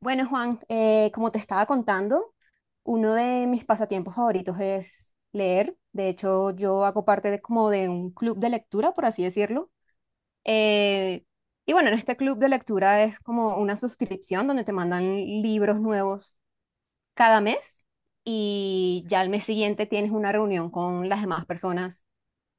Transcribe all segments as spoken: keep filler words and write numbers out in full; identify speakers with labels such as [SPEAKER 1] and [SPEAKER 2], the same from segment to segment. [SPEAKER 1] Bueno, Juan, eh, como te estaba contando, uno de mis pasatiempos favoritos es leer. De hecho, yo hago parte de como de un club de lectura, por así decirlo. Eh, y bueno, en este club de lectura es como una suscripción donde te mandan libros nuevos cada mes y ya al mes siguiente tienes una reunión con las demás personas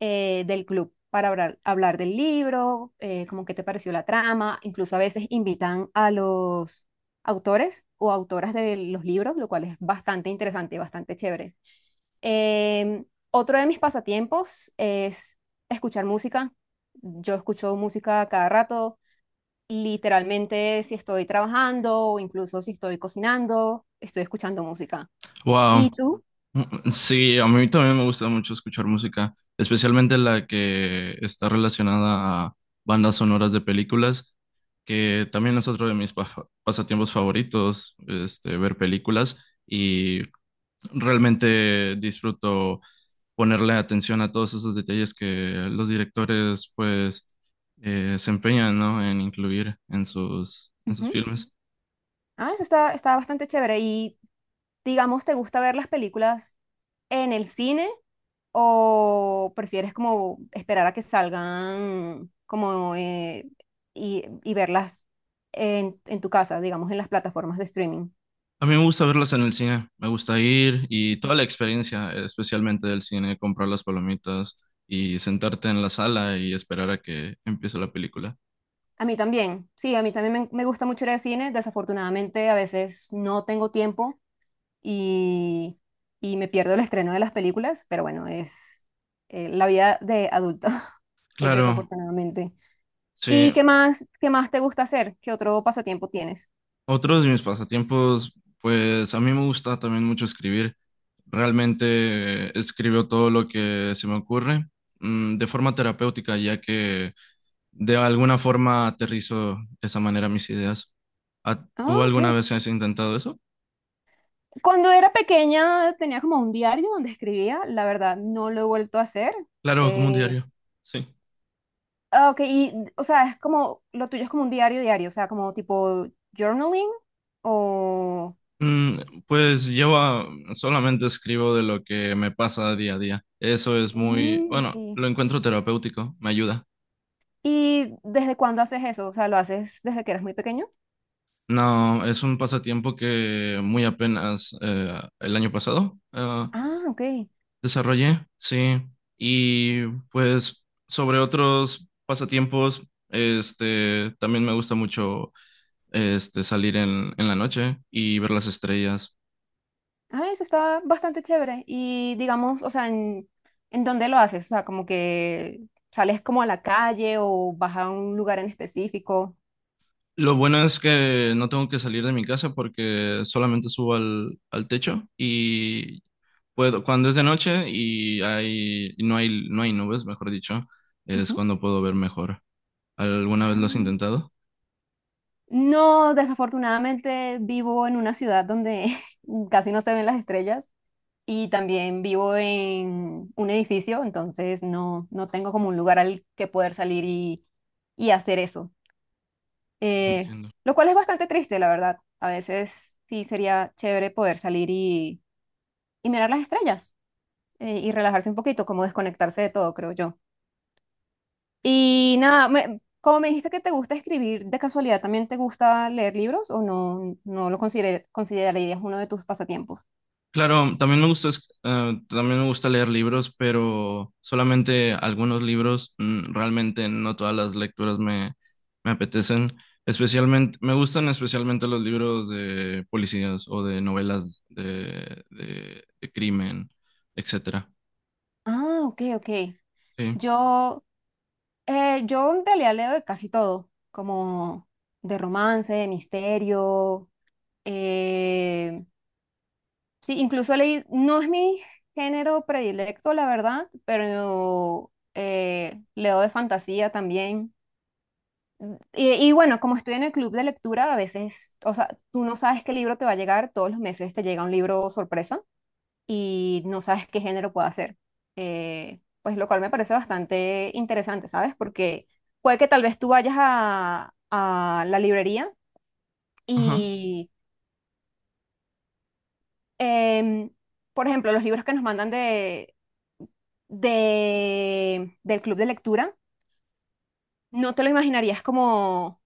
[SPEAKER 1] eh, del club para hablar, hablar del libro, eh, como qué te pareció la trama, incluso a veces invitan a los autores o autoras de los libros, lo cual es bastante interesante y bastante chévere. Em, Otro de mis pasatiempos es escuchar música. Yo escucho música cada rato, literalmente si estoy trabajando o incluso si estoy cocinando, estoy escuchando música. ¿Y
[SPEAKER 2] Wow,
[SPEAKER 1] tú?
[SPEAKER 2] sí, a mí también me gusta mucho escuchar música, especialmente la que está relacionada a bandas sonoras de películas, que también es otro de mis pa- pasatiempos favoritos, este, ver películas y realmente disfruto ponerle atención a todos esos detalles que los directores pues eh, se empeñan, ¿no? En incluir en sus en sus
[SPEAKER 1] Ujú.
[SPEAKER 2] filmes.
[SPEAKER 1] Ah, eso está, está bastante chévere. Y digamos, ¿te gusta ver las películas en el cine o prefieres como esperar a que salgan como eh, y, y verlas en, en tu casa, digamos, en las plataformas de streaming?
[SPEAKER 2] A mí me gusta verlas en el cine, me gusta ir y
[SPEAKER 1] Ujú.
[SPEAKER 2] toda la experiencia, especialmente del cine, comprar las palomitas y sentarte en la sala y esperar a que empiece la película.
[SPEAKER 1] A mí también, sí, a mí también me, me gusta mucho ir al cine. Desafortunadamente, a veces no tengo tiempo y, y me pierdo el estreno de las películas, pero bueno, es eh, la vida de adulto, eh,
[SPEAKER 2] Claro,
[SPEAKER 1] desafortunadamente.
[SPEAKER 2] sí.
[SPEAKER 1] ¿Y qué más, qué más te gusta hacer? ¿Qué otro pasatiempo tienes?
[SPEAKER 2] Otros de mis pasatiempos, pues a mí me gusta también mucho escribir. Realmente eh, escribo todo lo que se me ocurre, mm, de forma terapéutica, ya que de alguna forma aterrizo de esa manera mis ideas. ¿A-
[SPEAKER 1] Ah,
[SPEAKER 2] ¿Tú
[SPEAKER 1] ok.
[SPEAKER 2] alguna vez has intentado eso?
[SPEAKER 1] Cuando era pequeña tenía como un diario donde escribía, la verdad no lo he vuelto a hacer.
[SPEAKER 2] Claro, como un
[SPEAKER 1] Eh,
[SPEAKER 2] diario. Sí.
[SPEAKER 1] ah, ok, y o sea, es como, lo tuyo es como un diario diario, o sea, como tipo journaling o...
[SPEAKER 2] Mm, pues yo ah, solamente escribo de lo que me pasa día a día. Eso es muy,
[SPEAKER 1] Mm, ok.
[SPEAKER 2] bueno, lo encuentro terapéutico, me ayuda.
[SPEAKER 1] ¿Y desde cuándo haces eso? O sea, ¿lo haces desde que eras muy pequeño?
[SPEAKER 2] No, es un pasatiempo que muy apenas eh, el año pasado eh,
[SPEAKER 1] Ah, ok.
[SPEAKER 2] desarrollé, sí. Y pues sobre otros pasatiempos, este, también me gusta mucho este, salir en, en la noche y ver las estrellas.
[SPEAKER 1] Ah, eso está bastante chévere. Y digamos, o sea, ¿en, ¿en dónde lo haces? O sea, como que sales como a la calle o vas a un lugar en específico.
[SPEAKER 2] Lo bueno es que no tengo que salir de mi casa porque solamente subo al, al techo y puedo, cuando es de noche y hay, y no hay, no hay nubes, mejor dicho, es
[SPEAKER 1] Ujú.
[SPEAKER 2] cuando puedo ver mejor. ¿Alguna vez lo has
[SPEAKER 1] Ah.
[SPEAKER 2] intentado?
[SPEAKER 1] No, desafortunadamente vivo en una ciudad donde casi no se ven las estrellas y también vivo en un edificio, entonces no, no tengo como un lugar al que poder salir y, y hacer eso.
[SPEAKER 2] No
[SPEAKER 1] Eh,
[SPEAKER 2] entiendo.
[SPEAKER 1] lo cual es bastante triste, la verdad. A veces sí sería chévere poder salir y, y mirar las estrellas eh, y relajarse un poquito, como desconectarse de todo, creo yo. Y nada, me- como me dijiste que te gusta escribir, ¿de casualidad también te gusta leer libros o no, no lo consider- considerarías uno de tus pasatiempos?
[SPEAKER 2] Claro, también me gusta, es- eh, también me gusta leer libros, pero solamente algunos libros, mm, realmente no todas las lecturas me, me apetecen. Especialmente, me gustan especialmente los libros de policías o de novelas de, de, de crimen, etcétera.
[SPEAKER 1] Ah, ok, ok.
[SPEAKER 2] Sí.
[SPEAKER 1] Yo, eh, yo en realidad leo de casi todo, como de romance, de misterio. eh, sí, incluso leí, no es mi género predilecto, la verdad, pero eh, leo de fantasía también. Y, y bueno, como estoy en el club de lectura, a veces, o sea, tú no sabes qué libro te va a llegar, todos los meses te llega un libro sorpresa y no sabes qué género puede ser. Eh, pues lo cual me parece bastante interesante, ¿sabes? Porque puede que tal vez tú vayas a, a la librería
[SPEAKER 2] Ajá.
[SPEAKER 1] y, em, por ejemplo, los libros que nos mandan de, de, del club de lectura, no te lo imaginarías como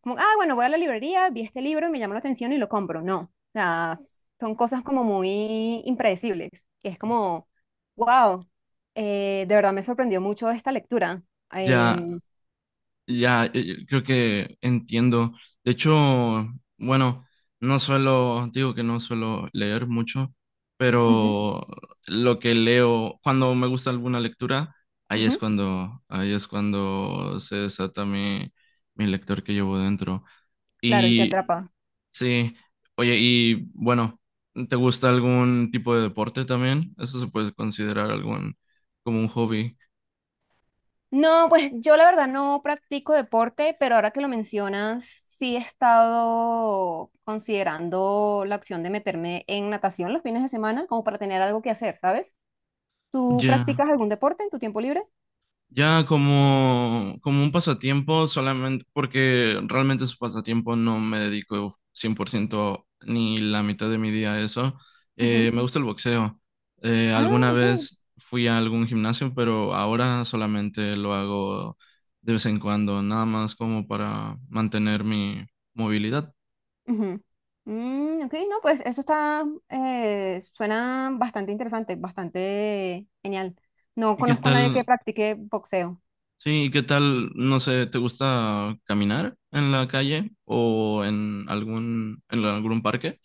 [SPEAKER 1] como, ah, bueno, voy a la librería, vi este libro y me llamó la atención y lo compro. No, o sea, son cosas como muy impredecibles, que es como, wow, eh, de verdad me sorprendió mucho esta lectura.
[SPEAKER 2] Ya,
[SPEAKER 1] Em,
[SPEAKER 2] ya, eh, eh, creo que entiendo. De hecho, bueno, no suelo, digo que no suelo leer mucho,
[SPEAKER 1] ujú,
[SPEAKER 2] pero lo que leo, cuando me gusta alguna lectura, ahí es
[SPEAKER 1] ujú,
[SPEAKER 2] cuando, ahí es cuando se desata mi, mi lector que llevo dentro.
[SPEAKER 1] claro, y te
[SPEAKER 2] Y
[SPEAKER 1] atrapa.
[SPEAKER 2] sí, oye, y bueno, ¿te gusta algún tipo de deporte también? Eso se puede considerar algún, como un hobby.
[SPEAKER 1] No, pues yo la verdad no practico deporte, pero ahora que lo mencionas, sí he estado considerando la opción de meterme en natación los fines de semana, como para tener algo que hacer, ¿sabes? ¿Tú
[SPEAKER 2] Ya.
[SPEAKER 1] practicas algún deporte en tu tiempo libre?
[SPEAKER 2] Ya como, como un pasatiempo solamente, porque realmente es un pasatiempo, no me dedico cien por ciento ni la mitad de mi día a eso. Eh,
[SPEAKER 1] Ujú.
[SPEAKER 2] me gusta el boxeo. Eh,
[SPEAKER 1] Ah,
[SPEAKER 2] alguna
[SPEAKER 1] ok.
[SPEAKER 2] vez fui a algún gimnasio, pero ahora solamente lo hago de vez en cuando, nada más como para mantener mi movilidad.
[SPEAKER 1] Ujú. Mm, ok, no, pues eso está, eh, suena bastante interesante, bastante genial. No
[SPEAKER 2] ¿Y qué
[SPEAKER 1] conozco a nadie que
[SPEAKER 2] tal?
[SPEAKER 1] practique boxeo.
[SPEAKER 2] Sí, ¿y qué tal? No sé, ¿te gusta caminar en la calle o en algún, en algún parque?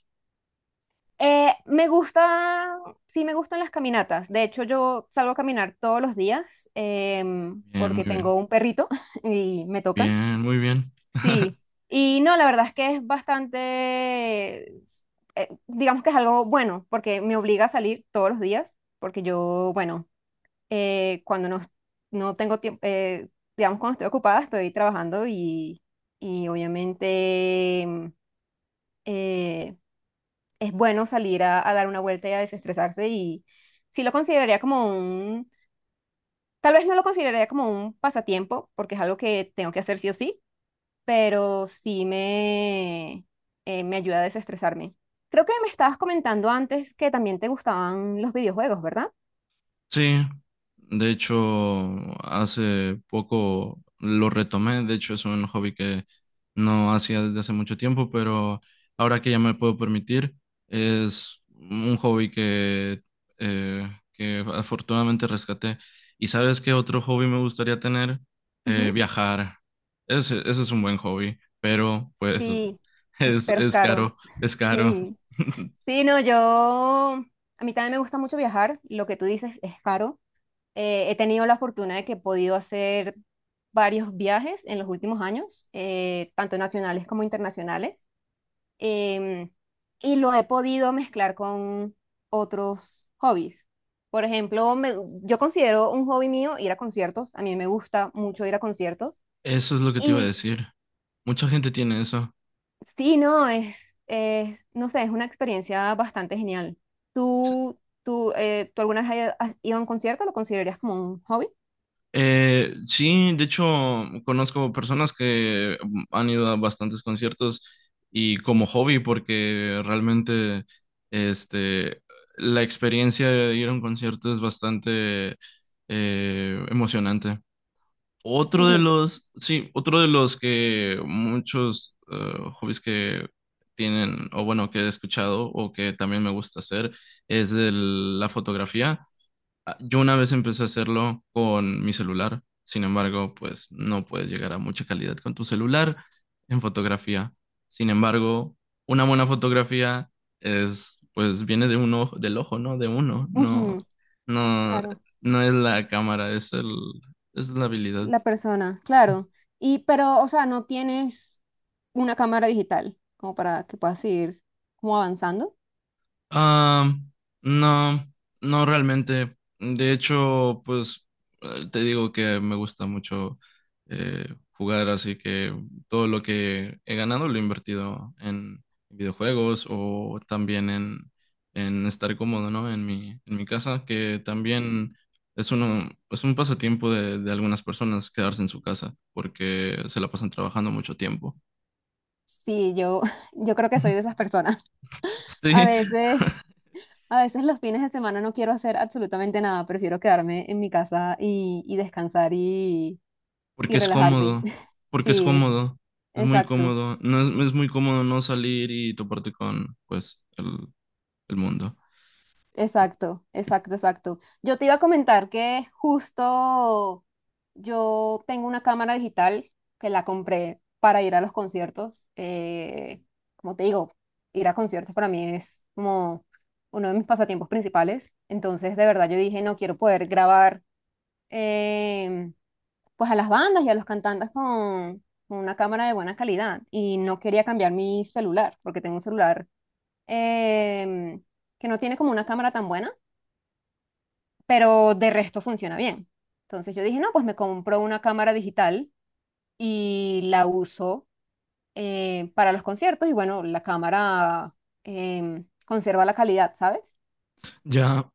[SPEAKER 1] Eh, me gusta, sí me gustan las caminatas. De hecho, yo salgo a caminar todos los días em,
[SPEAKER 2] Bien,
[SPEAKER 1] porque
[SPEAKER 2] muy bien.
[SPEAKER 1] tengo un perrito y me toca.
[SPEAKER 2] Bien, muy bien.
[SPEAKER 1] Sí. Y no, la verdad es que es bastante, eh, digamos que es algo bueno porque me obliga a salir todos los días porque yo, bueno. eh, cuando no, no tengo tiempo, eh, digamos, cuando estoy ocupada, estoy trabajando y, y obviamente mm, eh, es bueno salir a, a dar una vuelta y a desestresarse y sí lo consideraría como un, tal vez no lo consideraría como un pasatiempo, porque es algo que tengo que hacer sí o sí, pero sí me, eh, me ayuda a desestresarme. Creo que me estabas comentando antes que también te gustaban los videojuegos, ¿verdad?
[SPEAKER 2] Sí, de hecho, hace poco lo retomé. De hecho, es un hobby que no hacía desde hace mucho tiempo, pero ahora que ya me puedo permitir, es un hobby que, eh, que afortunadamente rescaté. ¿Y sabes qué otro hobby me gustaría tener? Eh,
[SPEAKER 1] Ujú.
[SPEAKER 2] viajar. Ese, ese es un buen hobby, pero pues
[SPEAKER 1] Sí,
[SPEAKER 2] es,
[SPEAKER 1] espero es
[SPEAKER 2] es
[SPEAKER 1] caro.
[SPEAKER 2] caro, es caro.
[SPEAKER 1] Sí. Sí, no, yo, a mí también me gusta mucho viajar, lo que tú dices es caro. Eh, he tenido la fortuna de que he podido hacer varios viajes en los últimos años, eh, tanto nacionales como internacionales, em, y lo he podido mezclar con otros hobbies. Por ejemplo, me- yo considero un hobby mío ir a conciertos, a mí me gusta mucho ir a conciertos.
[SPEAKER 2] Eso es lo que te iba a
[SPEAKER 1] y
[SPEAKER 2] decir. Mucha gente tiene eso.
[SPEAKER 1] Sí, no, es, es, no sé, es una experiencia bastante genial. ¿Tú, tú, eh, ¿tú alguna vez has has ido a un concierto? ¿Lo considerarías como un hobby?
[SPEAKER 2] Eh, sí, de hecho, conozco personas que han ido a bastantes conciertos y como hobby, porque realmente este, la experiencia de ir a un concierto es bastante eh, emocionante. Otro de
[SPEAKER 1] Sí,
[SPEAKER 2] los, sí, otro de los que muchos eh, hobbies que tienen, o bueno, que he escuchado o que también me gusta hacer, es el- la fotografía. Ah, yo una vez empecé a hacerlo con mi celular, sin embargo, pues no puedes llegar a mucha calidad con tu celular en fotografía. Sin embargo, una buena fotografía es, pues viene de un ojo, del ojo, ¿no? De uno, no,
[SPEAKER 1] ujú,
[SPEAKER 2] no,
[SPEAKER 1] claro,
[SPEAKER 2] no es la cámara, es el, es la habilidad.
[SPEAKER 1] la persona, claro. Y, pero, o sea, no tienes una cámara digital como para que puedas ir como avanzando.
[SPEAKER 2] Ah, no, no realmente. De hecho, pues eh, te digo que me gusta mucho eh, jugar, así que todo lo que he ganado lo he invertido en videojuegos o también en, en estar cómodo, ¿no? En mi, en mi casa, que también es uno, es un pasatiempo de, de algunas personas quedarse en su casa porque se la pasan trabajando mucho tiempo.
[SPEAKER 1] Sí, yo, yo creo que soy de esas personas. A
[SPEAKER 2] Sí.
[SPEAKER 1] veces, a veces los fines de semana no quiero hacer absolutamente nada, prefiero quedarme en mi casa y, y descansar y, y
[SPEAKER 2] Porque es
[SPEAKER 1] relajarme.
[SPEAKER 2] cómodo, porque es
[SPEAKER 1] Sí, es-
[SPEAKER 2] cómodo, es muy
[SPEAKER 1] exacto,
[SPEAKER 2] cómodo, no es, es muy cómodo no salir y toparte con, pues, el, el mundo.
[SPEAKER 1] exacto, exacto, exacto. Yo te iba a comentar que justo yo tengo una cámara digital que la compré para ir a los conciertos. Eh, como te digo, ir a conciertos para mí es como uno de mis pasatiempos principales. Entonces, de verdad, yo dije, no quiero poder grabar em, pues a las bandas y a los cantantes con con una cámara de buena calidad. Y no quería cambiar mi celular, porque tengo un celular em, que no tiene como una cámara tan buena, pero de resto funciona bien. Entonces yo dije, no, pues me compro una cámara digital y la uso eh, para los conciertos y bueno, la cámara em, conserva la calidad, ¿sabes?
[SPEAKER 2] Ya,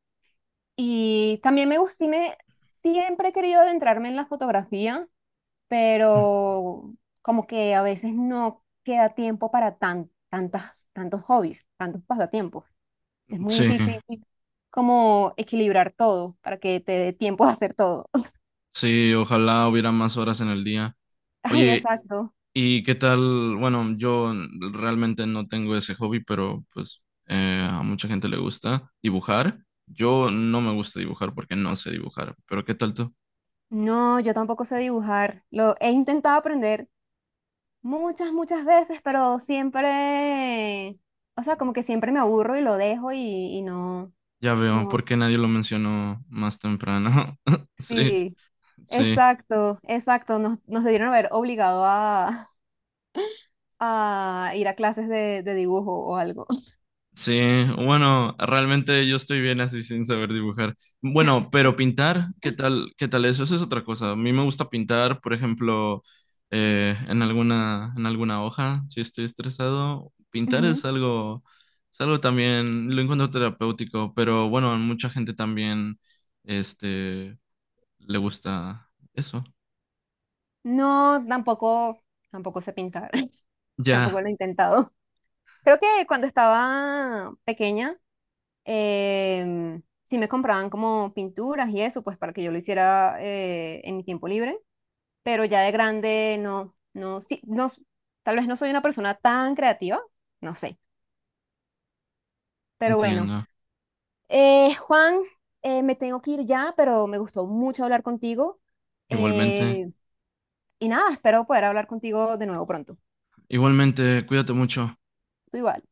[SPEAKER 1] Y también me gustó, me, siempre he querido adentrarme en la fotografía, pero como que a veces no queda tiempo para tan, tantas, tantos hobbies, tantos pasatiempos. Es muy
[SPEAKER 2] sí,
[SPEAKER 1] difícil como equilibrar todo para que te dé tiempo de hacer todo.
[SPEAKER 2] sí, ojalá hubiera más horas en el día.
[SPEAKER 1] Ay,
[SPEAKER 2] Oye,
[SPEAKER 1] exacto.
[SPEAKER 2] ¿y qué tal? Bueno, yo realmente no tengo ese hobby, pero pues eh, a mucha gente le gusta dibujar. Yo no me gusta dibujar porque no sé dibujar, pero ¿qué tal tú?
[SPEAKER 1] No, yo tampoco sé dibujar. Lo he intentado aprender muchas, muchas veces, pero siempre, o sea, como que siempre me aburro y lo dejo y, y no,
[SPEAKER 2] Ya veo,
[SPEAKER 1] no.
[SPEAKER 2] ¿por qué nadie lo mencionó más temprano? Sí,
[SPEAKER 1] Sí,
[SPEAKER 2] sí.
[SPEAKER 1] exacto, exacto. Nos, nos debieron haber obligado a, a ir a clases de, de dibujo o algo.
[SPEAKER 2] Sí, bueno, realmente yo estoy bien así sin saber dibujar. Bueno, pero pintar, ¿qué tal? ¿Qué tal eso? Eso es otra cosa. A mí me gusta pintar, por ejemplo, eh, en alguna, en alguna hoja, si estoy estresado. Pintar es
[SPEAKER 1] Ujú.
[SPEAKER 2] algo, es algo también, lo encuentro terapéutico, pero bueno, a mucha gente también, este, le gusta eso.
[SPEAKER 1] No, tampoco, tampoco sé pintar.
[SPEAKER 2] Ya,
[SPEAKER 1] Tampoco lo he intentado. Creo que cuando estaba pequeña, em, sí me compraban como pinturas y eso, pues para que yo lo hiciera eh, en mi tiempo libre, pero ya de grande no, no, sí, no, s- tal vez no soy una persona tan creativa, no sé, pero bueno.
[SPEAKER 2] entiendo.
[SPEAKER 1] Eh, Juan, eh, me tengo que ir ya, pero me gustó mucho hablar contigo
[SPEAKER 2] Igualmente,
[SPEAKER 1] eh, y nada, espero poder hablar contigo de nuevo pronto.
[SPEAKER 2] igualmente, cuídate mucho.
[SPEAKER 1] Tú igual.